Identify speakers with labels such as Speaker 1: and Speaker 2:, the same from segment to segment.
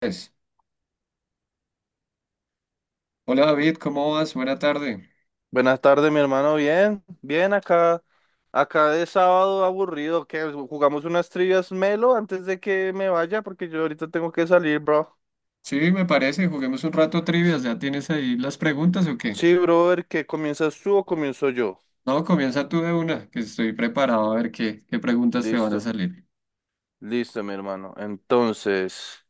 Speaker 1: Pues, hola, David, ¿cómo vas? Buena tarde.
Speaker 2: Buenas tardes, mi hermano. Bien, bien acá. Acá de sábado aburrido, que jugamos unas trivias melo antes de que me vaya porque yo ahorita tengo que salir, bro.
Speaker 1: Sí, me parece, juguemos un rato trivias. ¿Ya tienes ahí las preguntas o qué?
Speaker 2: Sí, brother, ¿qué comienzas tú o comienzo yo?
Speaker 1: No, comienza tú de una, que estoy preparado a ver qué preguntas te van a
Speaker 2: Listo,
Speaker 1: salir.
Speaker 2: listo, mi hermano. Entonces,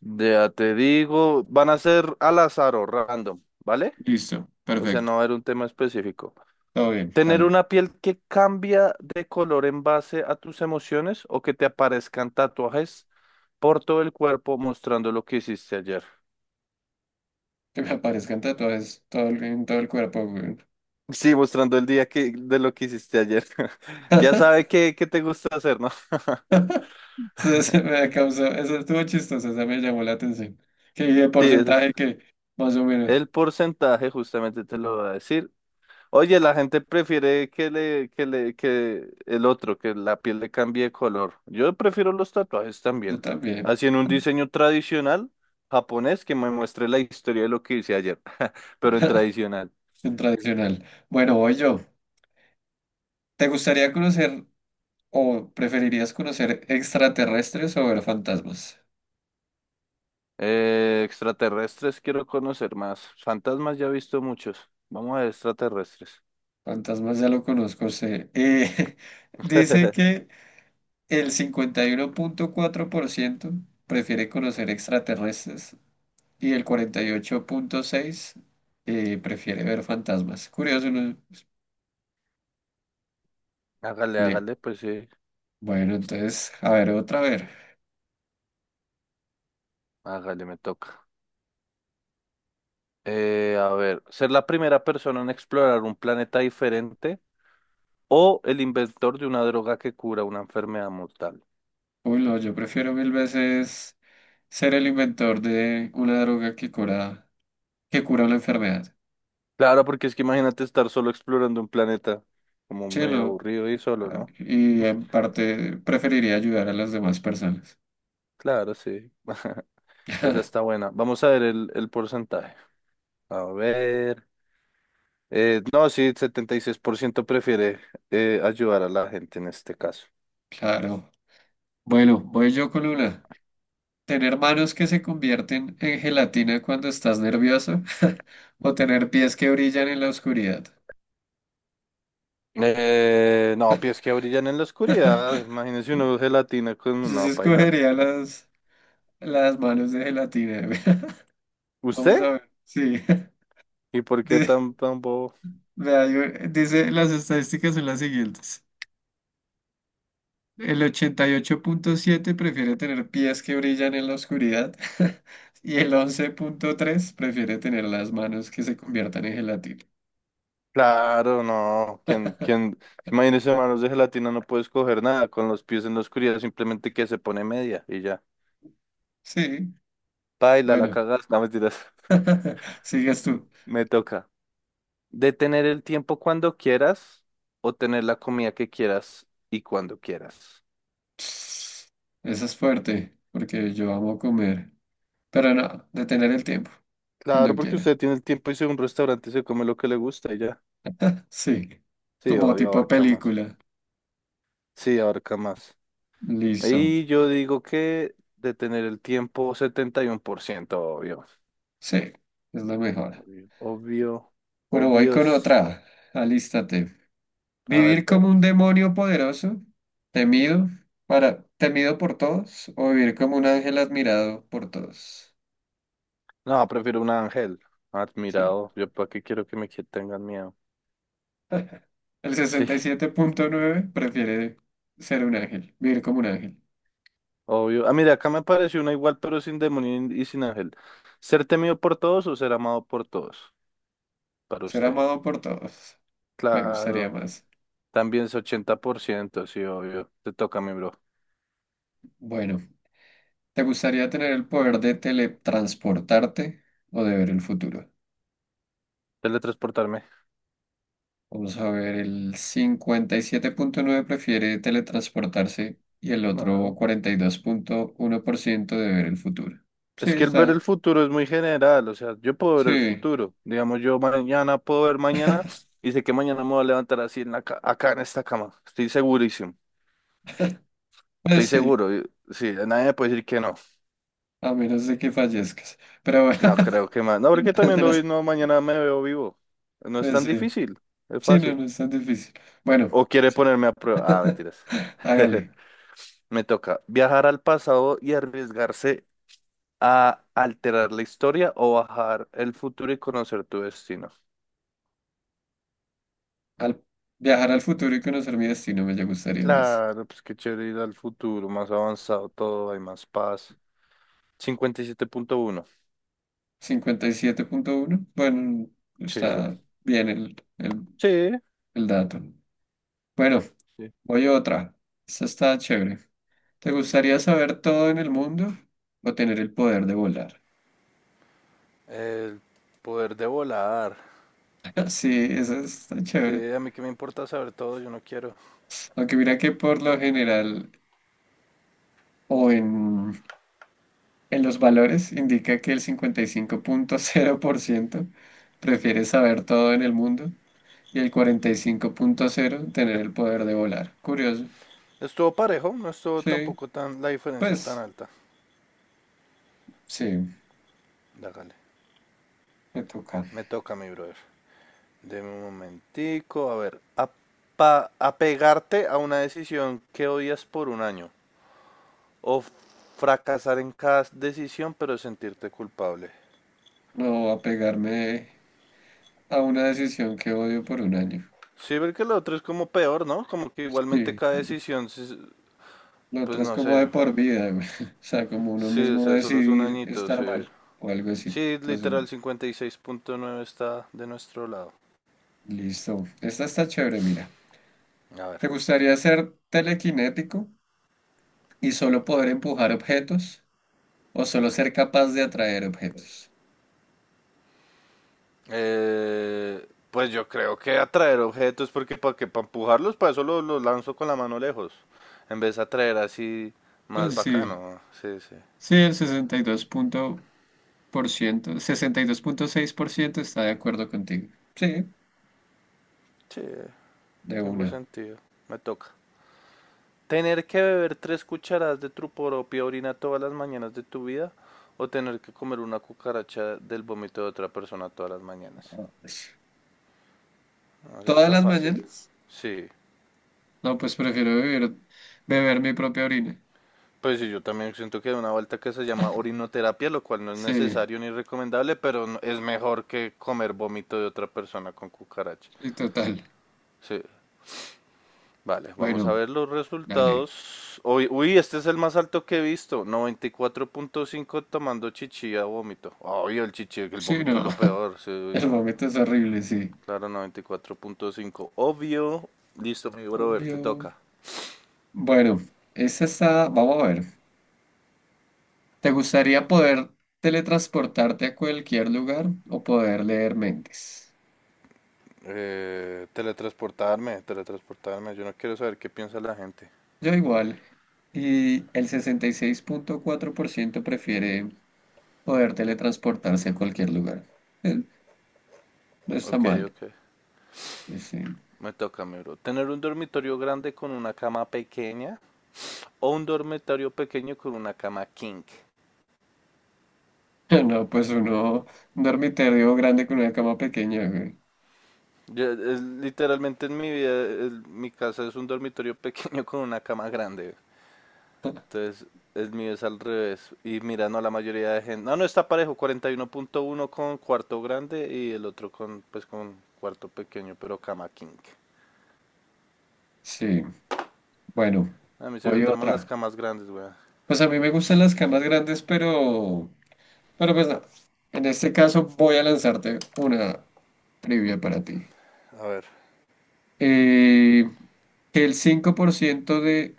Speaker 2: ya te digo, van a ser al azar o random, ¿vale?
Speaker 1: Listo,
Speaker 2: O sea,
Speaker 1: perfecto.
Speaker 2: no va a haber un tema específico.
Speaker 1: Todo bien,
Speaker 2: ¿Tener
Speaker 1: dale.
Speaker 2: una piel que cambia de color en base a tus emociones o que te aparezcan tatuajes por todo el cuerpo mostrando lo que hiciste ayer?
Speaker 1: Que me aparezcan tatuajes en todo el cuerpo, güey.
Speaker 2: Sí, mostrando el día que, de lo que hiciste ayer. Ya sabe qué te gusta hacer, ¿no?
Speaker 1: Se me causó, eso estuvo chistoso, esa me llamó la atención. Que dije
Speaker 2: Sí, eso es.
Speaker 1: porcentaje que más o menos.
Speaker 2: El porcentaje justamente te lo va a decir. Oye, la gente prefiere que el otro, que la piel le cambie de color. Yo prefiero los tatuajes
Speaker 1: Yo
Speaker 2: también.
Speaker 1: también,
Speaker 2: Así en un diseño tradicional japonés que me muestre la historia de lo que hice ayer, pero en tradicional.
Speaker 1: en tradicional. Bueno, voy yo. ¿Te gustaría conocer ¿O preferirías conocer extraterrestres o ver fantasmas?
Speaker 2: Extraterrestres quiero conocer más. Fantasmas ya he visto muchos. Vamos a ver extraterrestres.
Speaker 1: Fantasmas ya lo conozco, sé. Dice que el 51.4% prefiere conocer extraterrestres y el 48.6% prefiere ver fantasmas. Curioso, ¿no?
Speaker 2: Hágale,
Speaker 1: Le-
Speaker 2: hágale, pues sí.
Speaker 1: Bueno, entonces, a ver, otra vez.
Speaker 2: Hágale, me toca. A ver, ser la primera persona en explorar un planeta diferente o el inventor de una droga que cura una enfermedad mortal.
Speaker 1: Uy, no, yo prefiero mil veces ser el inventor de una droga que cura una enfermedad.
Speaker 2: Claro, porque es que imagínate estar solo explorando un planeta como medio
Speaker 1: Chelo.
Speaker 2: aburrido y solo, ¿no?
Speaker 1: Y en parte preferiría ayudar a las demás personas.
Speaker 2: Claro, sí. Esa está buena. Vamos a ver el porcentaje. A ver. No, sí, 76% prefiere ayudar a la gente en este caso.
Speaker 1: Claro. Bueno, voy yo con una. ¿Tener manos que se convierten en gelatina cuando estás nervioso? ¿O tener pies que brillan en la oscuridad?
Speaker 2: No, pies que brillan en la oscuridad. Imagínese uno gelatina con
Speaker 1: Yo sí
Speaker 2: una paila.
Speaker 1: escogería las manos de gelatina. Vamos
Speaker 2: ¿Usted?
Speaker 1: a ver. Sí.
Speaker 2: ¿Y por qué
Speaker 1: Dice,
Speaker 2: tan, tan bobo?
Speaker 1: vea, dice, las estadísticas son las siguientes. El 88.7 prefiere tener pies que brillan en la oscuridad y el 11.3 prefiere tener las manos que se conviertan en gelatina.
Speaker 2: Claro, no. ¿Quién, quién? Imagínese manos de gelatina, no puede escoger nada con los pies en la oscuridad, simplemente que se pone media y ya.
Speaker 1: Sí,
Speaker 2: Paila, la
Speaker 1: bueno,
Speaker 2: cagas. No, mentiras.
Speaker 1: sigues tú.
Speaker 2: Me toca. Detener el tiempo cuando quieras o tener la comida que quieras y cuando quieras.
Speaker 1: Esa es fuerte, porque yo amo comer, pero no, detener el tiempo,
Speaker 2: Claro,
Speaker 1: cuando
Speaker 2: porque
Speaker 1: quiera.
Speaker 2: usted tiene el tiempo y si un restaurante se come lo que le gusta y ya.
Speaker 1: Sí,
Speaker 2: Sí,
Speaker 1: como
Speaker 2: obvio,
Speaker 1: tipo
Speaker 2: abarca más.
Speaker 1: película.
Speaker 2: Sí, abarca más.
Speaker 1: Listo.
Speaker 2: Y yo digo que de tener el tiempo, 71%, obvio.
Speaker 1: Sí, es la mejor.
Speaker 2: Obvio, obvio,
Speaker 1: Bueno, voy con
Speaker 2: obvios.
Speaker 1: otra. Alístate.
Speaker 2: A ver,
Speaker 1: ¿Vivir como
Speaker 2: perro.
Speaker 1: un demonio poderoso, temido temido por todos, o vivir como un ángel admirado por todos?
Speaker 2: No, prefiero un ángel.
Speaker 1: Sí.
Speaker 2: Admirado. Yo para qué quiero que me tengan miedo.
Speaker 1: El
Speaker 2: Sí,
Speaker 1: 67.9 prefiere ser un ángel, vivir como un ángel,
Speaker 2: obvio. Ah, mira, acá me apareció una igual, pero sin demonio y sin ángel. ¿Ser temido por todos o ser amado por todos? Para
Speaker 1: ser
Speaker 2: usted.
Speaker 1: amado por todos. Me gustaría
Speaker 2: Claro.
Speaker 1: más.
Speaker 2: También es 80% sí, obvio. Te toca, mi bro.
Speaker 1: Bueno, ¿te gustaría tener el poder de teletransportarte o de ver el futuro?
Speaker 2: Teletransportarme.
Speaker 1: Vamos a ver, el 57.9 prefiere teletransportarse y el otro
Speaker 2: No.
Speaker 1: 42.1% de ver el futuro. Sí,
Speaker 2: Es que el ver el
Speaker 1: está.
Speaker 2: futuro es muy general, o sea, yo puedo ver el
Speaker 1: Sí,
Speaker 2: futuro. Digamos, yo mañana puedo ver mañana y sé que mañana me voy a levantar así en acá en esta cama. Estoy segurísimo.
Speaker 1: pues
Speaker 2: Estoy
Speaker 1: sí,
Speaker 2: seguro. Sí, nadie me puede decir que no.
Speaker 1: a menos de que fallezcas. Pero bueno,
Speaker 2: No creo que más. No, porque
Speaker 1: el
Speaker 2: también
Speaker 1: de
Speaker 2: lo vi,
Speaker 1: las-
Speaker 2: no, mañana me veo vivo. No es
Speaker 1: pues
Speaker 2: tan
Speaker 1: sí.
Speaker 2: difícil, es
Speaker 1: Sí, no,
Speaker 2: fácil.
Speaker 1: no es tan difícil. Bueno,
Speaker 2: O quiere
Speaker 1: sí.
Speaker 2: ponerme a prueba. Ah, mentiras.
Speaker 1: Hágale.
Speaker 2: Me toca viajar al pasado y arriesgarse a alterar la historia o bajar el futuro y conocer tu destino.
Speaker 1: Al viajar al futuro y conocer mi destino me ya gustaría más.
Speaker 2: Claro, pues qué chévere ir al futuro, más avanzado todo, hay más paz. 57.1.
Speaker 1: 57.1. Bueno,
Speaker 2: Sí, bro.
Speaker 1: está bien el, el,
Speaker 2: Sí.
Speaker 1: el dato. Bueno,
Speaker 2: Sí.
Speaker 1: voy a otra. Esta está chévere. ¿Te gustaría saber todo en el mundo o tener el poder de volar?
Speaker 2: El poder de volar.
Speaker 1: Sí, esa está chévere.
Speaker 2: Sí, a mí que me importa saber todo, yo no quiero.
Speaker 1: Aunque mira que por lo general o en los valores indica que el 55.0% prefiere saber todo en el mundo y el 45.0% tener el poder de volar. Curioso.
Speaker 2: Estuvo parejo, no estuvo
Speaker 1: Sí,
Speaker 2: tampoco tan la diferencia tan
Speaker 1: pues
Speaker 2: alta.
Speaker 1: sí,
Speaker 2: Dágale.
Speaker 1: me toca.
Speaker 2: Me toca, mi brother. Deme un momentico, a ver. Apegarte a una decisión que odias por un año o fracasar en cada decisión, pero sentirte culpable.
Speaker 1: No apegarme a una decisión que odio por un año.
Speaker 2: Sí, ver que lo otro es como peor, ¿no? Como que igualmente
Speaker 1: Sí,
Speaker 2: cada decisión, sí,
Speaker 1: lo
Speaker 2: pues
Speaker 1: otro es
Speaker 2: no
Speaker 1: como
Speaker 2: sé.
Speaker 1: de por vida, güey. O sea, como uno
Speaker 2: Sí, o
Speaker 1: mismo
Speaker 2: sea, solo es un
Speaker 1: decidir
Speaker 2: añito,
Speaker 1: estar
Speaker 2: sí.
Speaker 1: mal o algo así.
Speaker 2: Sí,
Speaker 1: Entonces,
Speaker 2: literal 56.9 está de nuestro lado.
Speaker 1: listo. Esta está chévere, mira.
Speaker 2: A ver.
Speaker 1: ¿Te gustaría ser telequinético y solo poder empujar objetos o solo ser capaz de atraer objetos?
Speaker 2: Pues yo creo que atraer objetos, porque para que para empujarlos, para eso los lanzo con la mano lejos. En vez de atraer así más
Speaker 1: Pues sí,
Speaker 2: bacano. Sí, sí.
Speaker 1: sí, el 62 punto por ciento, 62.6% está de acuerdo contigo. Sí,
Speaker 2: Sí,
Speaker 1: de
Speaker 2: tengo
Speaker 1: una.
Speaker 2: sentido. Me toca. Tener que beber 3 cucharadas de tu propia orina todas las mañanas de tu vida o tener que comer una cucaracha del vómito de otra persona todas las mañanas.
Speaker 1: Ah, pues,
Speaker 2: No, eso
Speaker 1: ¿todas
Speaker 2: está
Speaker 1: las
Speaker 2: fácil.
Speaker 1: mañanas?
Speaker 2: Sí.
Speaker 1: No, pues prefiero beber mi propia orina.
Speaker 2: Pues sí, yo también siento que hay una vuelta que se llama orinoterapia, lo cual no es
Speaker 1: Sí.
Speaker 2: necesario ni recomendable, pero es mejor que comer vómito de otra persona con cucaracha.
Speaker 1: Sí, total.
Speaker 2: Sí. Vale, vamos
Speaker 1: Bueno,
Speaker 2: a ver los
Speaker 1: dale.
Speaker 2: resultados. Uy, uy, este es el más alto que he visto. 94.5 tomando chichi a vómito. Obvio, el chichi, el
Speaker 1: Sí,
Speaker 2: vómito es
Speaker 1: no.
Speaker 2: lo peor. Sí,
Speaker 1: El
Speaker 2: no.
Speaker 1: momento es horrible, sí.
Speaker 2: Claro, 94.5. Obvio. Listo, mi brother, te
Speaker 1: Obvio.
Speaker 2: toca.
Speaker 1: Bueno, esta está. Vamos a ver. ¿Te gustaría poder teletransportarte a cualquier lugar o poder leer mentes?
Speaker 2: Teletransportarme, teletransportarme. Yo no quiero saber qué piensa la gente.
Speaker 1: Yo igual. Y el 66.4% prefiere poder teletransportarse a cualquier lugar. Eh, No está
Speaker 2: Ok,
Speaker 1: mal.
Speaker 2: ok.
Speaker 1: Sí.
Speaker 2: Me toca, mi bro. Tener un dormitorio grande con una cama pequeña o un dormitorio pequeño con una cama king.
Speaker 1: No, pues un dormitorio grande con una cama pequeña, güey.
Speaker 2: Literalmente en mi vida, mi casa es un dormitorio pequeño con una cama grande. Entonces, el mío es al revés. Y mira, no, la mayoría de gente. No, no está parejo. 41.1 con cuarto grande y el otro con, pues, con cuarto pequeño, pero cama king.
Speaker 1: Sí. Bueno,
Speaker 2: A mí se me
Speaker 1: voy
Speaker 2: traman las
Speaker 1: otra.
Speaker 2: camas grandes, weón.
Speaker 1: Pues a mí me gustan las camas grandes, pero pues no. En este caso voy a lanzarte una trivia para ti.
Speaker 2: A ver,
Speaker 1: Eh, que el 5% de,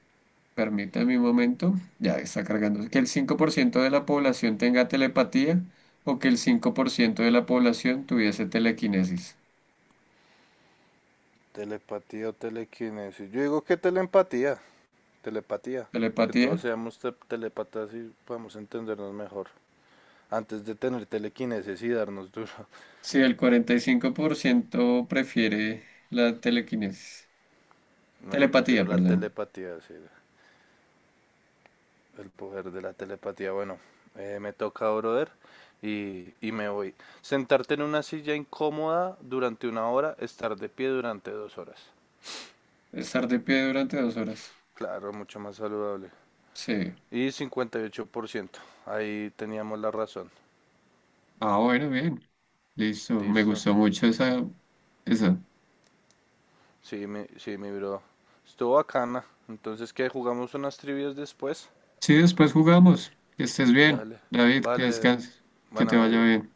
Speaker 1: permítame un momento, ya está cargando, que el 5% de la población tenga telepatía o que el 5% de la población tuviese telequinesis.
Speaker 2: telepatía o telequinesis. Yo digo que telepatía. Telepatía. Que todos
Speaker 1: ¿Telepatía?
Speaker 2: seamos telepatas y podamos entendernos mejor. Antes de tener telequinesis y darnos duro.
Speaker 1: Sí, el 45% prefiere la telequinesis.
Speaker 2: No, yo prefiero
Speaker 1: Telepatía,
Speaker 2: la
Speaker 1: perdón.
Speaker 2: telepatía, sí, el poder de la telepatía. Bueno, me toca, brother, y me voy. Sentarte en una silla incómoda durante una hora, estar de pie durante 2 horas.
Speaker 1: Estar de pie durante 2 horas.
Speaker 2: Claro, mucho más saludable.
Speaker 1: Sí.
Speaker 2: Y 58% ahí teníamos la razón.
Speaker 1: Ah, bueno, bien. Listo. Me
Speaker 2: Listo.
Speaker 1: gustó mucho esa.
Speaker 2: Sí, mi bro. Estuvo bacana. Entonces, ¿qué? ¿Jugamos unas trivias después?
Speaker 1: Sí, después jugamos. Que estés bien,
Speaker 2: Dale.
Speaker 1: David, que
Speaker 2: Vale.
Speaker 1: descanses. Que te
Speaker 2: Bueno, mi
Speaker 1: vaya
Speaker 2: bro.
Speaker 1: bien.